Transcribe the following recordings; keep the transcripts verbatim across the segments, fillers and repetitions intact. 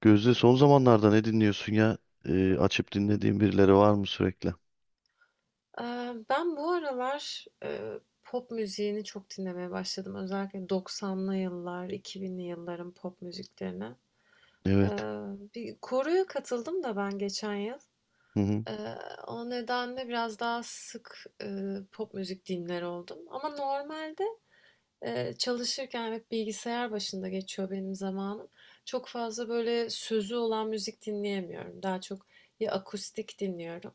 Gözde son zamanlarda ne dinliyorsun ya? Ee, açıp dinlediğin birileri var mı sürekli? Eee, ben bu aralar, eee, pop müziğini çok dinlemeye başladım. Özellikle doksanlı yıllar, iki binli yılların pop müziklerine. Eee, Evet. Bir koroya katıldım da ben geçen yıl. Hı hı. Eee, O nedenle biraz daha sık, eee, pop müzik dinler oldum. Ama normalde, eee, çalışırken hep bilgisayar başında geçiyor benim zamanım. Çok fazla böyle sözü olan müzik dinleyemiyorum. Daha çok ya akustik dinliyorum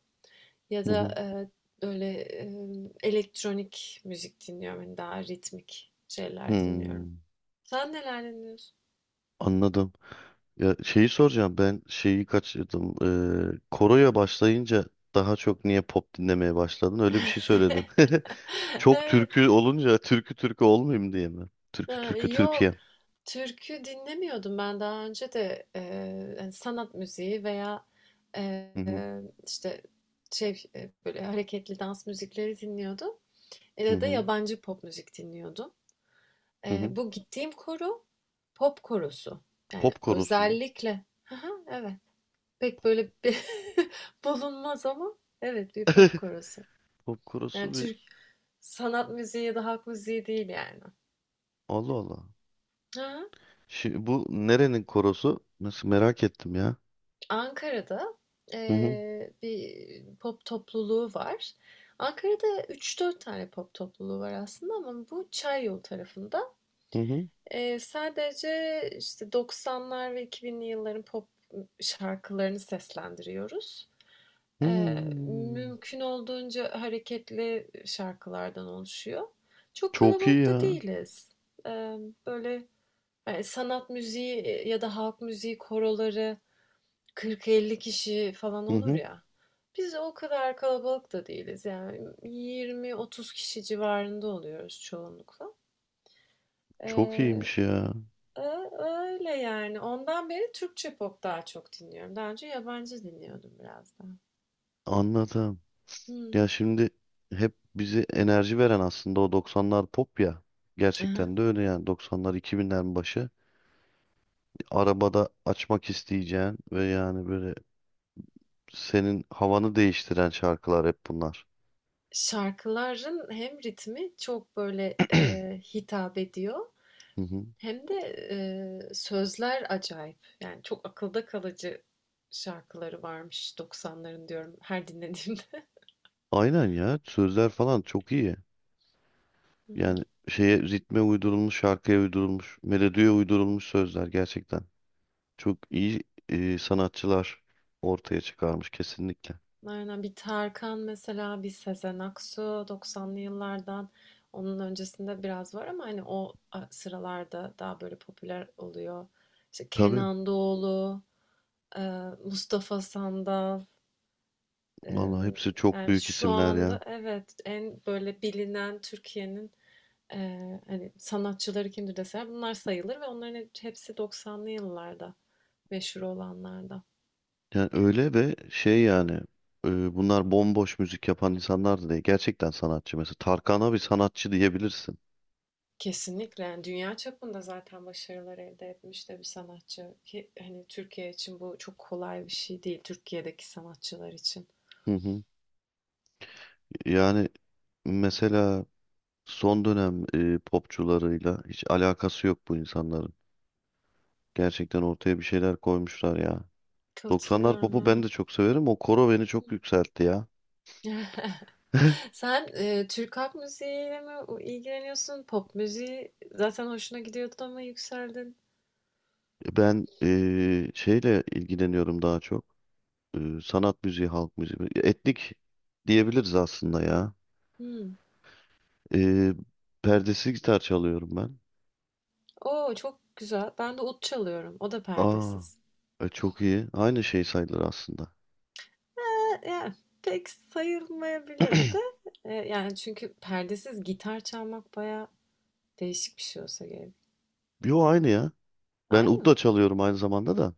ya Hı hı. da, eee, böyle, emm, elektronik müzik dinliyorum, hani, daha ritmik şeyler dinliyorum. Hmm, Sen neler dinliyorsun? Anladım. Ya şeyi soracağım ben şeyi kaçırdım. Ee, koroya başlayınca daha çok niye pop dinlemeye başladın? Öyle bir şey söyledin. Çok Evet. türkü olunca türkü türkü olmayayım diye mi? Türkü Ha, türkü yok, Türkiye. türkü dinlemiyordum ben daha önce de, eee, hani, sanat müziği veya, eee, Hı hı. işte, şey, eee, böyle hareketli dans müzikleri dinliyordum Hı ya da hı. yabancı pop müzik dinliyordum. Hı Eee, hı. Bu gittiğim koro, pop korosu. Yani Pop korosu mu? özellikle Hı, evet. Pek böyle bir bulunmaz ama evet, bir pop korosu. Pop Yani korosu bir Türk sanat müziği ya da halk müziği değil yani. Allah Allah. Ha, Şimdi bu nerenin korosu? Nasıl merak ettim ya. Ankara'da eee, bir pop topluluğu var. Ankara'da üç dört tane pop topluluğu var aslında, ama bu Çayyolu tarafında. Hı hı. Eee, sadece işte doksanlar ve iki binli yılların pop şarkılarını seslendiriyoruz. Eee, Hmm. Mümkün olduğunca hareketli şarkılardan oluşuyor. Çok Çok iyi kalabalık da ya. değiliz. Emm, böyle, eee, sanat müziği ya da halk müziği koroları kırk elli kişi falan Hı olur hı. ya, biz o kadar kalabalık da değiliz. Yani yirmi otuz kişi civarında oluyoruz çoğunlukla. Çok Eee, iyiymiş ya. Öyle yani. Ondan beri Türkçe pop daha çok dinliyorum. Daha önce yabancı dinliyordum biraz daha. Anladım. Ya Hımm. şimdi hep bize enerji veren aslında o doksanlar pop ya. Hı hı. Gerçekten de öyle yani doksanlar iki binlerin başı. Arabada açmak isteyeceğin ve yani böyle senin havanı değiştiren şarkılar hep bunlar. Şarkıların hem ritmi çok böyle eee, hitap ediyor, Hı hı. hem de eee, sözler acayip. Yani çok akılda kalıcı şarkıları varmış doksanların, diyorum her dinlediğimde. Aynen ya sözler falan çok iyi. Evet. Yani şeye ritme uydurulmuş, şarkıya uydurulmuş, melodiye uydurulmuş sözler gerçekten. Çok iyi e, sanatçılar ortaya çıkarmış kesinlikle. Aynen, bir Tarkan mesela, bir Sezen Aksu, doksanlı yıllardan, onun öncesinde biraz var ama hani o sıralarda daha böyle popüler oluyor. İşte Tabii Kenan Doğulu, eee, Mustafa Sandal. vallahi Emm, hepsi çok Yani, büyük şu isimler ya. anda evet, en böyle bilinen Türkiye'nin, eee, hani, sanatçıları kimdir deseler bunlar sayılır, ve onların he hepsi doksanlı yıllarda meşhur olanlarda. Yani öyle ve şey yani e, bunlar bomboş müzik yapan insanlar da değil. Gerçekten sanatçı mesela. Tarkan'a bir sanatçı diyebilirsin. Kesinlikle, yani, dünya çapında zaten başarılar elde etmiş de bir sanatçı ki, hani, Türkiye için bu çok kolay bir şey değil, Türkiye'deki sanatçılar için. Hı hı. Yani mesela son dönem e, popçularıyla hiç alakası yok bu insanların. Gerçekten ortaya bir şeyler koymuşlar ya. doksanlar popu ben de Katılıyorum, çok severim. O koro beni çok evet. yükseltti ya. Sen, eee, Türk halk müziğiyle mi ilgileniyorsun? Pop müziği zaten hoşuna gidiyordu ama yükseldin. Ben eee, şeyle ilgileniyorum daha çok. Eee, sanat müziği, halk müziği. Etnik diyebiliriz aslında ya. Hıı. Eee, perdesiz gitar çalıyorum ben. Oo, çok güzel. Ben de ut çalıyorum. O da Aa, perdesiz. e, çok iyi. Aynı şey sayılır aslında. E, yani pek sayılmayabilir de. E, yani çünkü perdesiz gitar çalmak bayağı değişik bir şey olsa gerek. Yo aynı ya. Ben ud da Aynı. çalıyorum aynı zamanda da.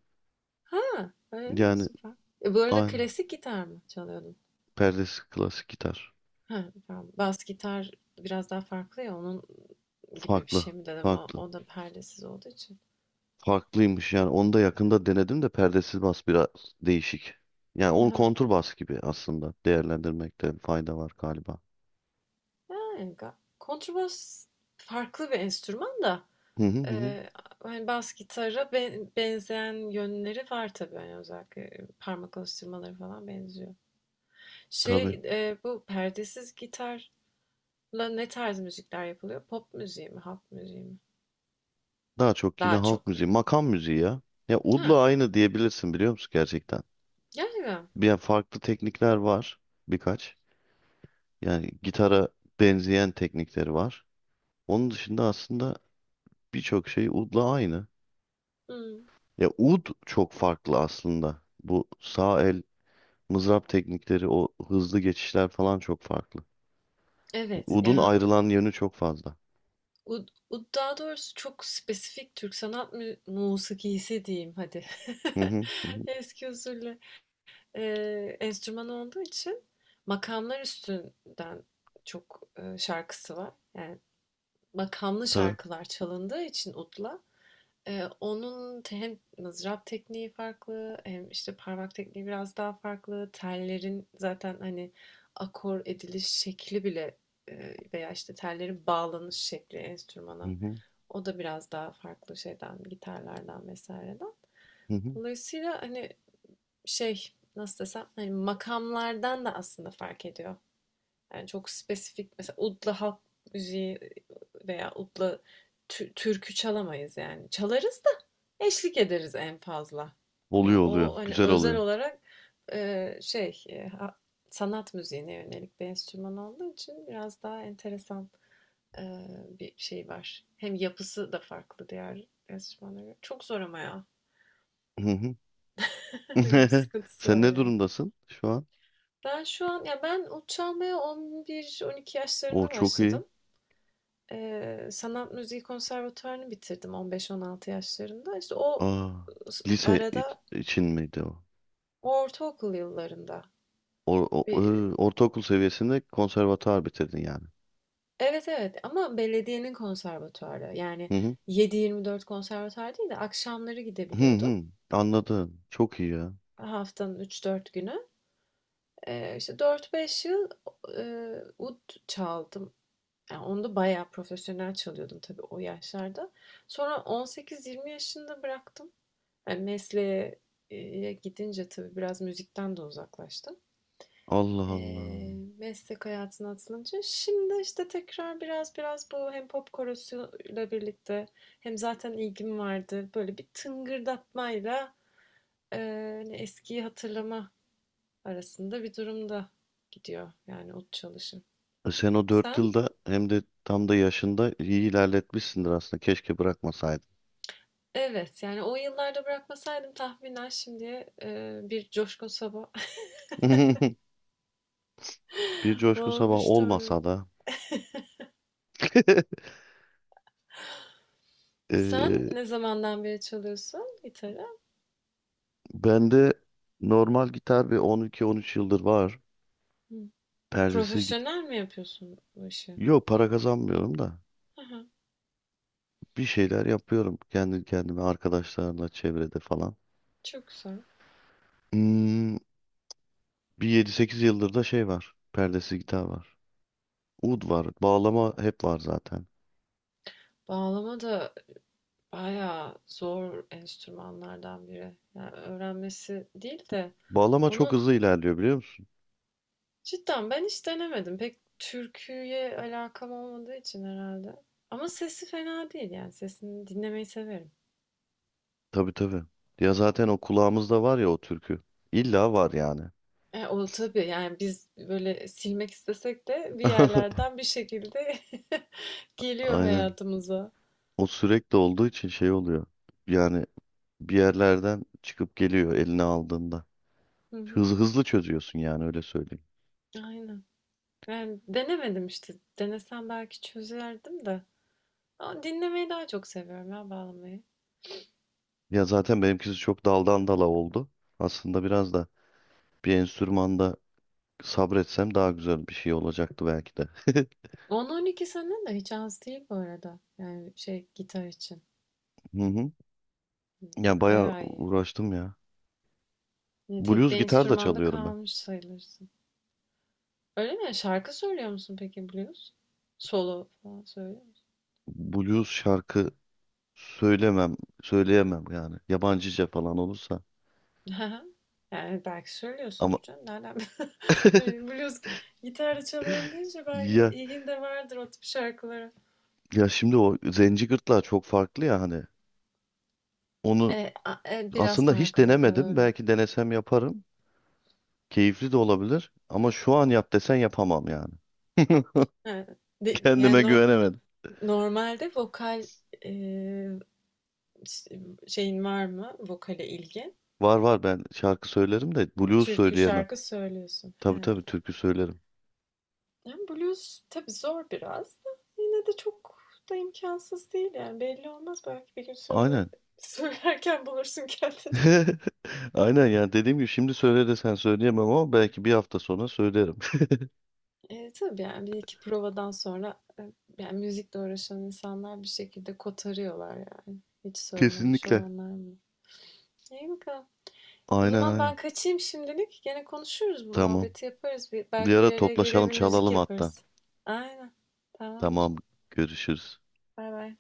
Ha, öyle mi? Yani Süper. E, bu arada aynı. klasik gitar mı çalıyordun? Perdesi klasik gitar. Ha, tamam. Bas gitar biraz daha farklı ya, onun gibi bir şey Farklı. mi dedim ama Farklı. o da perdesiz olduğu için. Farklıymış yani. Onu da yakında denedim de perdesiz bas biraz değişik. Yani Hı onu hı. kontur bas gibi aslında değerlendirmekte fayda var galiba. Yani ga- kontrbas farklı bir enstrüman da. Hı hı hı. Hı. Eee, Hani bas gitara ben- benzeyen yönleri var tabii, hani özellikle parmak alıştırmaları falan benziyor. Tabii. Şey, eee, bu perdesiz gitarla ne tarz müzikler yapılıyor? Pop müziği mi, halk müziği mi? Daha çok yine Daha halk çok ya. müziği, makam müziği ya. Ya udla Ha, aynı diyebilirsin biliyor musun gerçekten? gerçekten. Bir yani farklı teknikler var birkaç. Yani gitara benzeyen teknikleri var. Onun dışında aslında birçok şey udla aynı. Hmm. Ya ud çok farklı aslında. Bu sağ el mızrap teknikleri, o hızlı geçişler falan çok farklı. Evet Udun yani, ayrılan yönü çok fazla. u- u- daha doğrusu çok spesifik Türk sanat mü musikisi diyeyim hadi. Hı hı hı. Hı. Eski usulle eee, enstrüman olduğu için makamlar üstünden çok e, şarkısı var. Yani makamlı Tabii. şarkılar çalındığı için udla, e, onun te- hem mızrap tekniği farklı, hem işte parmak tekniği biraz daha farklı. Tellerin zaten hani akor ediliş şekli bile, e, veya işte tellerin bağlanış şekli Hı enstrümana, hı o da biraz daha farklı şeyden, gitarlardan vesaireden. hı. Hı. Dolayısıyla hani, şey nasıl desem, hani makamlardan da aslında fark ediyor. Yani çok spesifik mesela, udla halk müziği veya udla tü- türkü çalamayız yani. Çalarız da, eşlik ederiz en fazla. Yani Oluyor o oluyor. hani Güzel özel oluyor. olarak e, şey e, sanat müziğine yönelik bir enstrüman olduğu için biraz daha enteresan e, bir şey var. Hem yapısı da farklı diğer enstrümanlara göre. Çok zor ama ya. Hı hı. Öyle bir sıkıntısı Sen var ne yani. durumdasın şu an? Ben şu an, ya, ben ut çalmaya on bir on iki O yaşlarında çok iyi. başladım. Eee, sanat müziği konservatuvarını bitirdim on beş on altı yaşlarında. İşte o Aa, s- lise iç- arada, için miydi o? ortaokul yıllarında. O, o- bir- ö, ortaokul seviyesinde konservatuar bitirdin yani. Evet evet, ama belediyenin konservatuvarı. Yani Hı hı. yedi yirmi dört konservatuvar değil de akşamları Hı gidebiliyordum. hı. Anladım. Çok iyi ya. Haftanın üç dört günü. Eee işte dört beş yıl eee, ud çaldım. Yani onu da bayağı profesyonel çalıyordum tabii o yaşlarda. Sonra on sekiz yirmi yaşında bıraktım. Yani mesleğe e, gidince tabii biraz müzikten de uzaklaştım. Allah E, Allah. meslek hayatına atılınca şimdi işte tekrar biraz biraz bu, hem pop korosuyla birlikte hem zaten ilgim vardı. Böyle bir tıngırdatmayla, e, hani eskiyi hatırlama arasında bir durumda gidiyor yani o çalışım. E sen o dört Sen yılda hem de tam da yaşında iyi ilerletmişsindir aslında. Keşke bırakmasaydın. Evet yani, o yıllarda bırakmasaydım tahminen şimdi e, bir coşkun sabah Bir coşku sabah olmuştu onu. olmasa da. Sen Eee, ne zamandan beri çalıyorsun gitarı? bende normal gitar bir on iki on üç yıldır var. Hı. Perdesiz gitar Profesyonel mi yapıyorsun bu işi? Yok para kazanmıyorum da Aha, bir şeyler yapıyorum kendi kendime arkadaşlarla çevrede falan. çok güzel. Hmm, bir yedi sekiz yıldır da şey var. Perdesiz gitar var. Ud var. Bağlama hep var zaten. Bağlama da bayağı zor enstrümanlardan biri. Yani öğrenmesi değil de Bağlama çok onun, hızlı ilerliyor biliyor musun? cidden ben hiç denemedim. Pek türküye alakam olmadığı için herhalde. Ama sesi fena değil yani, sesini dinlemeyi severim. Tabii tabii. Ya zaten o kulağımızda var ya o türkü. İlla var yani. E, o tabii yani, biz böyle silmek istesek de bir yerlerden bir şekilde geliyor Aynen. hayatımıza. O sürekli olduğu için şey oluyor. Yani bir yerlerden çıkıp geliyor eline aldığında. Hı hı. Hızlı hızlı çözüyorsun yani öyle söyleyeyim. Aynen. Ben denemedim işte. Denesem belki çözerdim de. Ama dinlemeyi daha çok seviyorum ya bağlamayı. Ya zaten benimkisi çok daldan dala oldu. Aslında biraz da bir enstrümanda sabretsem daha güzel bir şey olacaktı belki de. on on iki sene de hiç az değil bu arada. Yani şey, gitar için. Hı hı. Hı, Ya bayağı bayağı iyi. uğraştım ya. Yani tek Blues bir gitar da enstrümanda çalıyorum ben. kalmış sayılırsın. Öyle mi? Şarkı söylüyor musun peki blues? Solo falan söyle. Blues şarkı söylemem, söyleyemem yani. Yabancıca falan olursa. Hı. Yani belki Ama söylüyorsundur canım. Nereden? Hani Blues gitarla çalıyorum deyince belki ya ilgin de vardır o tip şarkılara. ya şimdi o zenci gırtlağı çok farklı ya hani. Onu E, a- e, biraz aslında hiç farklı denemedim. doğru. Belki denesem yaparım. Keyifli de olabilir. Ama şu an yap desen yapamam yani. Evet. De- Kendime Yani no- güvenemedim. normalde vokal, e, s- şeyin var mı? Vokale ilgin. Var var ben şarkı söylerim de Yani blues türkü söyleyemem. şarkı söylüyorsun. Tabii He. tabii türkü söylerim. Yani blues tabii zor biraz da, yine de çok da imkansız değil yani, belli olmaz, belki bir gün söyle Aynen. söylerken bulursun kendini. Aynen yani dediğim gibi şimdi söyle desen söyleyemem ama belki bir hafta sonra söylerim. Eee, tabii, yani, bir iki provadan sonra, eee, yani, müzikle uğraşan insanlar bir şekilde kotarıyorlar yani. Hiç söylememiş Kesinlikle. olanlar mı? İyi bakalım. O Aynen zaman aynen. ben kaçayım şimdilik. Gene konuşuruz, bu Tamam. muhabbeti yaparız. Bir, Bir Belki ara bir araya gelir toplaşalım bir müzik çalalım hatta. yaparız. Aynen. Tamamdır. Tamam görüşürüz. Bay bay.